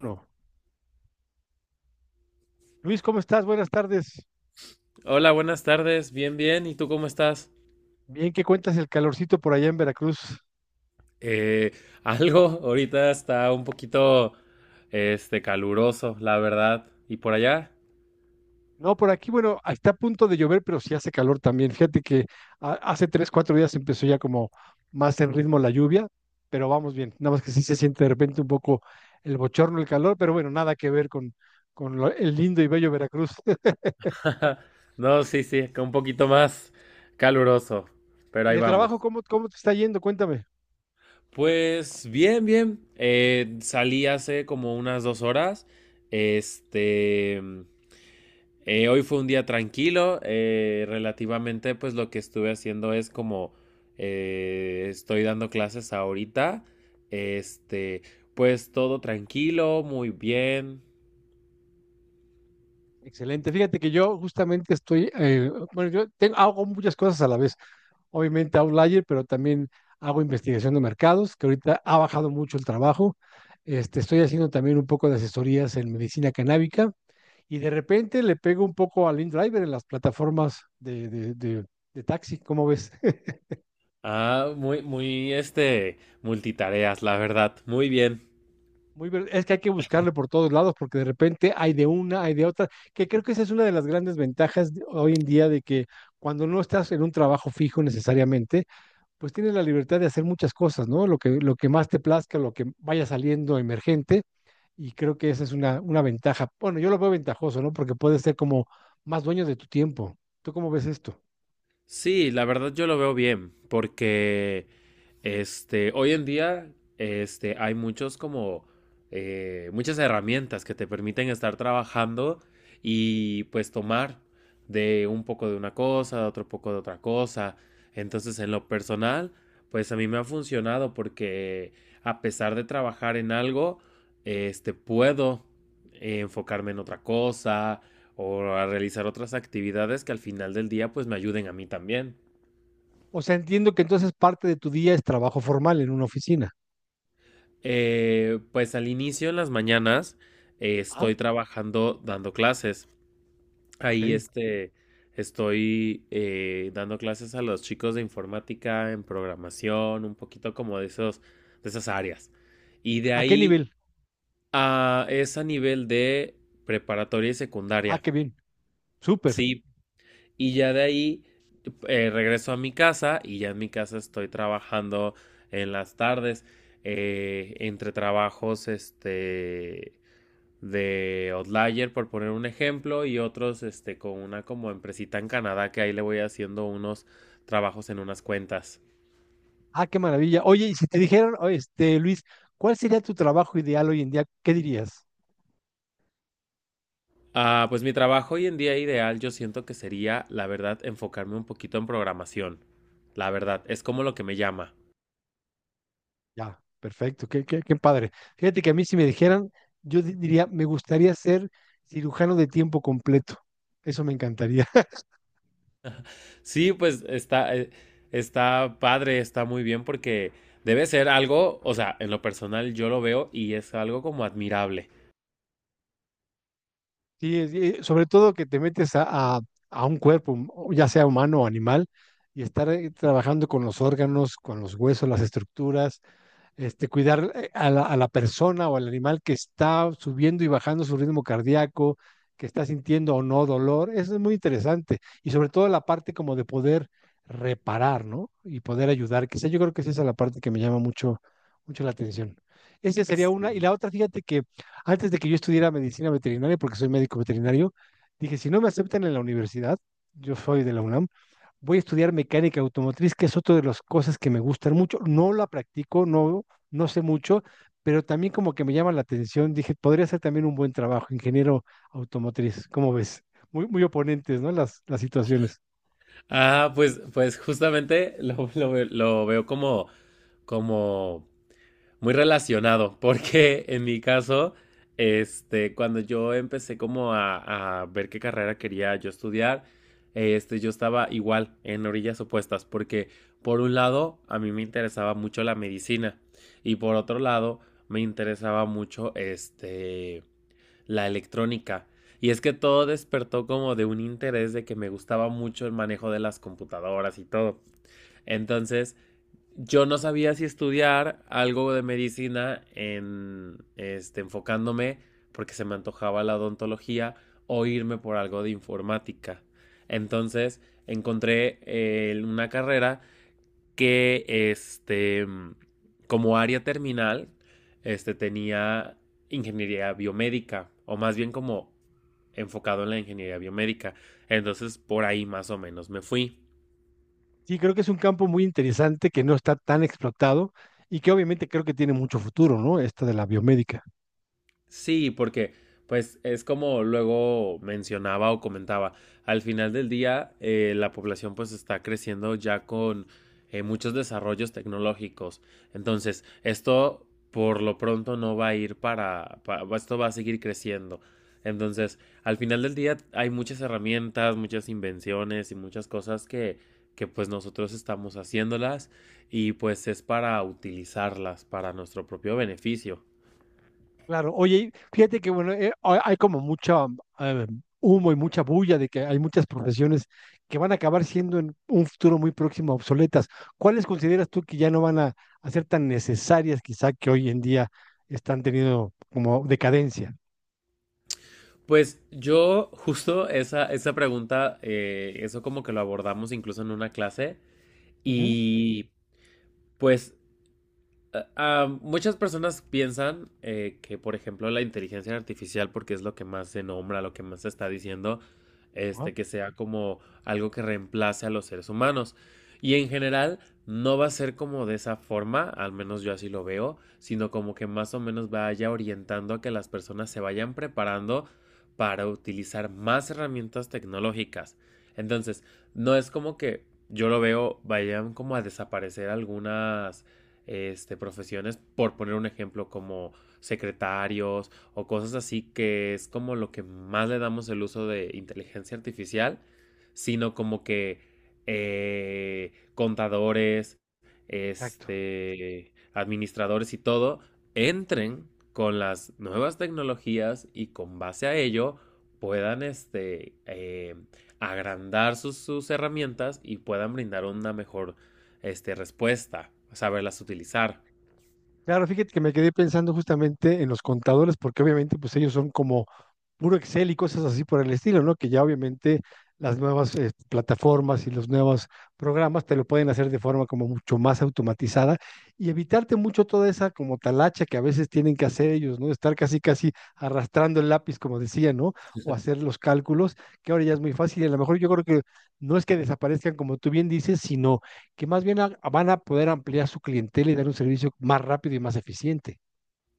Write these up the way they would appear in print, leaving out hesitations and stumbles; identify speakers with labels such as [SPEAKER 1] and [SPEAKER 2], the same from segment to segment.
[SPEAKER 1] No. Luis, ¿cómo estás? Buenas tardes.
[SPEAKER 2] Hola, buenas tardes. Bien, bien. ¿Y tú cómo estás?
[SPEAKER 1] Bien, ¿qué cuentas el calorcito por allá en Veracruz?
[SPEAKER 2] Eh, algo, ahorita está un poquito, caluroso, la verdad. ¿Y por allá?
[SPEAKER 1] No, por aquí, bueno, está a punto de llover, pero sí hace calor también. Fíjate que hace tres, cuatro días empezó ya como más en ritmo la lluvia, pero vamos bien. Nada más que sí se siente de repente un poco el bochorno, el calor, pero bueno, nada que ver con el lindo y bello Veracruz.
[SPEAKER 2] No, sí, sí, que un poquito más caluroso, pero
[SPEAKER 1] ¿Y
[SPEAKER 2] ahí
[SPEAKER 1] de trabajo,
[SPEAKER 2] vamos.
[SPEAKER 1] cómo, cómo te está yendo? Cuéntame.
[SPEAKER 2] Pues bien, bien. Salí hace como unas dos horas. Este, hoy fue un día tranquilo, relativamente pues lo que estuve haciendo es como estoy dando clases ahorita, este, pues todo tranquilo, muy bien.
[SPEAKER 1] Excelente. Fíjate que yo justamente estoy, bueno, yo tengo, hago muchas cosas a la vez, obviamente Outlier, pero también hago investigación de mercados, que ahorita ha bajado mucho el trabajo. Este, estoy haciendo también un poco de asesorías en medicina canábica y de repente le pego un poco al InDriver en las plataformas de taxi, ¿cómo ves?
[SPEAKER 2] Ah, muy, muy, multitareas, la verdad, muy bien.
[SPEAKER 1] Es que hay que buscarle por todos lados porque de repente hay de una, hay de otra, que creo que esa es una de las grandes ventajas hoy en día de que cuando no estás en un trabajo fijo necesariamente, pues tienes la libertad de hacer muchas cosas, ¿no? Lo que más te plazca, lo que vaya saliendo emergente, y creo que esa es una ventaja. Bueno, yo lo veo ventajoso, ¿no? Porque puedes ser como más dueño de tu tiempo. ¿Tú cómo ves esto?
[SPEAKER 2] Sí, la verdad yo lo veo bien, porque hoy en día hay muchos como muchas herramientas que te permiten estar trabajando y pues tomar de un poco de una cosa, de otro poco de otra cosa. Entonces, en lo personal, pues a mí me ha funcionado porque a pesar de trabajar en algo, puedo enfocarme en otra cosa, o a realizar otras actividades que al final del día pues me ayuden a mí también.
[SPEAKER 1] O sea, entiendo que entonces parte de tu día es trabajo formal en una oficina.
[SPEAKER 2] Pues al inicio en las mañanas
[SPEAKER 1] Ah,
[SPEAKER 2] estoy trabajando dando clases.
[SPEAKER 1] ok.
[SPEAKER 2] Ahí estoy dando clases a los chicos de informática, en programación, un poquito como de esos, de esas áreas. Y de
[SPEAKER 1] ¿A qué
[SPEAKER 2] ahí
[SPEAKER 1] nivel?
[SPEAKER 2] es a nivel de preparatoria y
[SPEAKER 1] Ah,
[SPEAKER 2] secundaria.
[SPEAKER 1] qué bien. Súper.
[SPEAKER 2] Sí, y ya de ahí regreso a mi casa y ya en mi casa estoy trabajando en las tardes, entre trabajos de Outlier, por poner un ejemplo, y otros con una como empresita en Canadá que ahí le voy haciendo unos trabajos en unas cuentas.
[SPEAKER 1] Ah, qué maravilla. Oye, y si te dijeran, oh, este, Luis, ¿cuál sería tu trabajo ideal hoy en día? ¿Qué dirías?
[SPEAKER 2] Ah, pues mi trabajo hoy en día ideal yo siento que sería, la verdad, enfocarme un poquito en programación. La verdad, es como lo que me llama.
[SPEAKER 1] Ya, perfecto, qué padre. Fíjate que a mí si me dijeran, yo diría, me gustaría ser cirujano de tiempo completo. Eso me encantaría.
[SPEAKER 2] Sí, pues está, está padre, está muy bien porque debe ser algo, o sea, en lo personal yo lo veo y es algo como admirable.
[SPEAKER 1] Sí, sobre todo que te metes a un cuerpo, o ya sea humano o animal, y estar trabajando con los órganos, con los huesos, las estructuras, este, cuidar a la persona o al animal que está subiendo y bajando su ritmo cardíaco, que está sintiendo o no dolor. Eso es muy interesante. Y sobre todo la parte como de poder reparar, ¿no? Y poder ayudar. Quizá yo creo que es esa la parte que me llama mucho, mucho la atención. Esa sería una. Y
[SPEAKER 2] Sí.
[SPEAKER 1] la otra, fíjate que antes de que yo estudiara medicina veterinaria, porque soy médico veterinario, dije, si no me aceptan en la universidad, yo soy de la UNAM, voy a estudiar mecánica automotriz, que es otra de las cosas que me gustan mucho. No la practico, no, no sé mucho, pero también como que me llama la atención. Dije, podría ser también un buen trabajo, ingeniero automotriz. ¿Cómo ves? Muy, muy oponentes, ¿no? Las situaciones.
[SPEAKER 2] Ah, pues, pues justamente lo veo como, como muy relacionado, porque en mi caso, cuando yo empecé como a ver qué carrera quería yo estudiar, yo estaba igual en orillas opuestas, porque por un lado a mí me interesaba mucho la medicina y por otro lado me interesaba mucho la electrónica. Y es que todo despertó como de un interés de que me gustaba mucho el manejo de las computadoras y todo. Entonces, yo no sabía si estudiar algo de medicina en, enfocándome porque se me antojaba la odontología o irme por algo de informática. Entonces encontré una carrera que, como área terminal, tenía ingeniería biomédica o más bien como enfocado en la ingeniería biomédica. Entonces por ahí más o menos me fui.
[SPEAKER 1] Sí, creo que es un campo muy interesante que no está tan explotado y que obviamente creo que tiene mucho futuro, ¿no? Esta de la biomédica.
[SPEAKER 2] Sí, porque pues es como luego mencionaba o comentaba, al final del día la población pues está creciendo ya con muchos desarrollos tecnológicos. Entonces, esto por lo pronto no va a ir esto va a seguir creciendo. Entonces, al final del día hay muchas herramientas, muchas invenciones y muchas cosas que pues nosotros estamos haciéndolas y pues es para utilizarlas para nuestro propio beneficio.
[SPEAKER 1] Claro, oye, y fíjate que bueno, hay como mucha eh, humo y mucha bulla de que hay muchas profesiones que van a acabar siendo en un futuro muy próximo obsoletas. ¿Cuáles consideras tú que ya no van a ser tan necesarias quizá que hoy en día están teniendo como decadencia?
[SPEAKER 2] Pues yo justo esa, esa pregunta, eso como que lo abordamos incluso en una clase
[SPEAKER 1] Ujú,
[SPEAKER 2] y pues muchas personas piensan que, por ejemplo, la inteligencia artificial, porque es lo que más se nombra, lo que más se está diciendo,
[SPEAKER 1] ajá,
[SPEAKER 2] que sea como algo que reemplace a los seres humanos. Y en general no va a ser como de esa forma, al menos yo así lo veo, sino como que más o menos vaya orientando a que las personas se vayan preparando para utilizar más herramientas tecnológicas. Entonces, no es como que yo lo veo, vayan como a desaparecer algunas profesiones, por poner un ejemplo como secretarios o cosas así, que es como lo que más le damos el uso de inteligencia artificial, sino como que contadores,
[SPEAKER 1] exacto.
[SPEAKER 2] administradores y todo, entren con las nuevas tecnologías y con base a ello puedan agrandar sus, sus herramientas y puedan brindar una mejor respuesta, saberlas utilizar.
[SPEAKER 1] Claro, fíjate que me quedé pensando justamente en los contadores, porque obviamente pues ellos son como puro Excel y cosas así por el estilo, ¿no? Que ya obviamente las nuevas plataformas y los nuevos programas te lo pueden hacer de forma como mucho más automatizada y evitarte mucho toda esa como talacha que a veces tienen que hacer ellos, ¿no? Estar casi casi arrastrando el lápiz, como decía, ¿no? O hacer los cálculos, que ahora ya es muy fácil y a lo mejor yo creo que no es que desaparezcan como tú bien dices, sino que más bien van a poder ampliar su clientela y dar un servicio más rápido y más eficiente.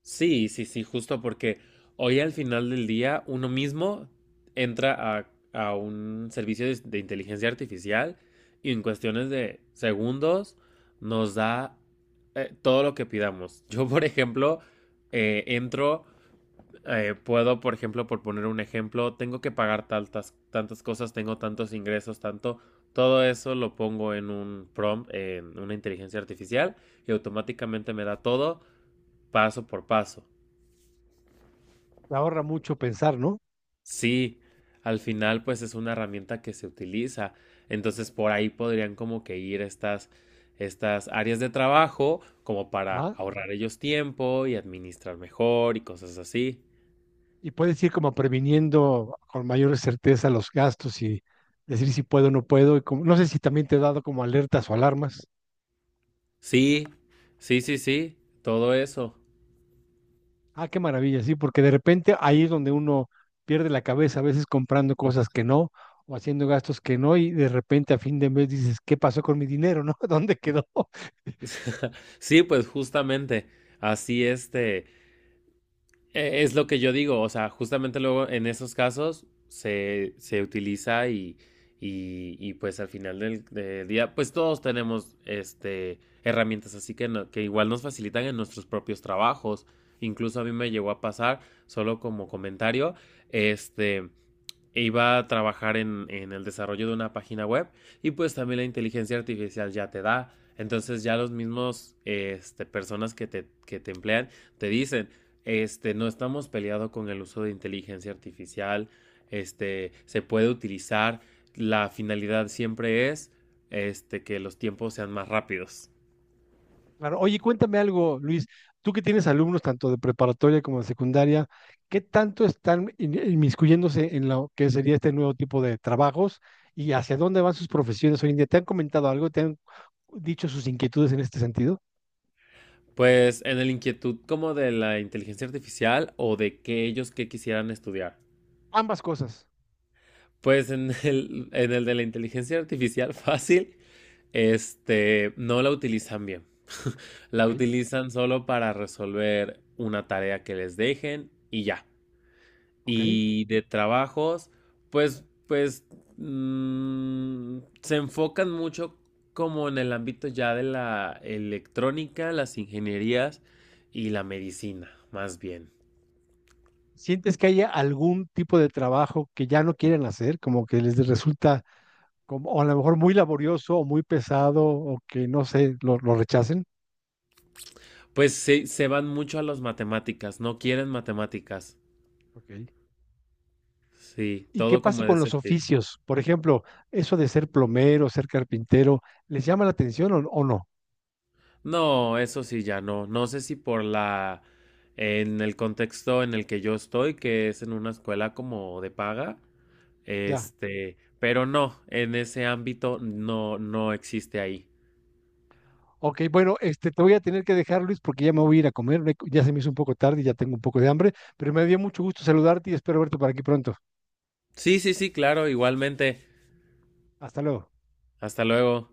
[SPEAKER 2] Sí, sí, sí, justo porque hoy al final del día uno mismo entra a un servicio de inteligencia artificial y en cuestiones de segundos nos da todo lo que pidamos. Yo, por ejemplo, entro, puedo, por ejemplo, por poner un ejemplo, tengo que pagar tantas, tantas cosas, tengo tantos ingresos, tanto, todo eso lo pongo en un prompt, en una inteligencia artificial y automáticamente me da todo paso por paso.
[SPEAKER 1] Te ahorra mucho pensar, ¿no?
[SPEAKER 2] Sí, al final pues es una herramienta que se utiliza, entonces por ahí podrían como que ir estas, estas áreas de trabajo como para
[SPEAKER 1] Ajá.
[SPEAKER 2] ahorrar ellos tiempo y administrar mejor y cosas así.
[SPEAKER 1] Y puedes ir como previniendo con mayor certeza los gastos y decir si puedo o no puedo. Y no sé si también te he dado como alertas o alarmas.
[SPEAKER 2] Sí, sí, sí, sí, todo eso.
[SPEAKER 1] Ah, qué maravilla, sí, porque de repente ahí es donde uno pierde la cabeza, a veces comprando cosas que no o haciendo gastos que no y de repente a fin de mes dices, ¿qué pasó con mi dinero, no? ¿Dónde quedó?
[SPEAKER 2] Sí, pues justamente, así es lo que yo digo, o sea, justamente luego en esos casos se, se utiliza y, pues al final del, del día, pues todos tenemos herramientas así que, que igual nos facilitan en nuestros propios trabajos, incluso a mí me llegó a pasar, solo como comentario, este e iba a trabajar en el desarrollo de una página web y pues también la inteligencia artificial ya te da. Entonces ya los mismos personas que te emplean te dicen, no estamos peleados con el uso de inteligencia artificial, se puede utilizar, la finalidad siempre es que los tiempos sean más rápidos.
[SPEAKER 1] Claro. Oye, cuéntame algo, Luis. Tú que tienes alumnos tanto de preparatoria como de secundaria, ¿qué tanto están inmiscuyéndose en lo que sería este nuevo tipo de trabajos y hacia dónde van sus profesiones hoy en día? ¿Te han comentado algo? ¿Te han dicho sus inquietudes en este sentido?
[SPEAKER 2] Pues en la inquietud como de la inteligencia artificial o de que ellos que quisieran estudiar.
[SPEAKER 1] Ambas cosas.
[SPEAKER 2] Pues en el de la inteligencia artificial fácil, no la utilizan bien. La
[SPEAKER 1] Ok,
[SPEAKER 2] utilizan solo para resolver una tarea que les dejen y ya.
[SPEAKER 1] ok.
[SPEAKER 2] Y de trabajos, pues, pues, mm, se enfocan mucho como en el ámbito ya de la electrónica, las ingenierías y la medicina, más bien.
[SPEAKER 1] ¿Sientes que haya algún tipo de trabajo que ya no quieren hacer, como que les resulta como, o a lo mejor muy laborioso o muy pesado o que no sé, lo rechacen?
[SPEAKER 2] Pues se van mucho a las matemáticas, no quieren matemáticas.
[SPEAKER 1] Ok.
[SPEAKER 2] Sí,
[SPEAKER 1] ¿Y qué
[SPEAKER 2] todo como
[SPEAKER 1] pasa
[SPEAKER 2] de
[SPEAKER 1] con
[SPEAKER 2] ese
[SPEAKER 1] los
[SPEAKER 2] estilo.
[SPEAKER 1] oficios? Por ejemplo, eso de ser plomero, ser carpintero, ¿les llama la atención o no?
[SPEAKER 2] No, eso sí, ya no. No sé si por la, en el contexto en el que yo estoy, que es en una escuela como de paga,
[SPEAKER 1] Ya.
[SPEAKER 2] pero no, en ese ámbito no, no existe ahí.
[SPEAKER 1] Ok, bueno, este, te voy a tener que dejar, Luis, porque ya me voy a ir a comer. Ya se me hizo un poco tarde y ya tengo un poco de hambre, pero me dio mucho gusto saludarte y espero verte por aquí pronto.
[SPEAKER 2] Sí, sí, sí, claro, igualmente.
[SPEAKER 1] Hasta luego.
[SPEAKER 2] Hasta luego.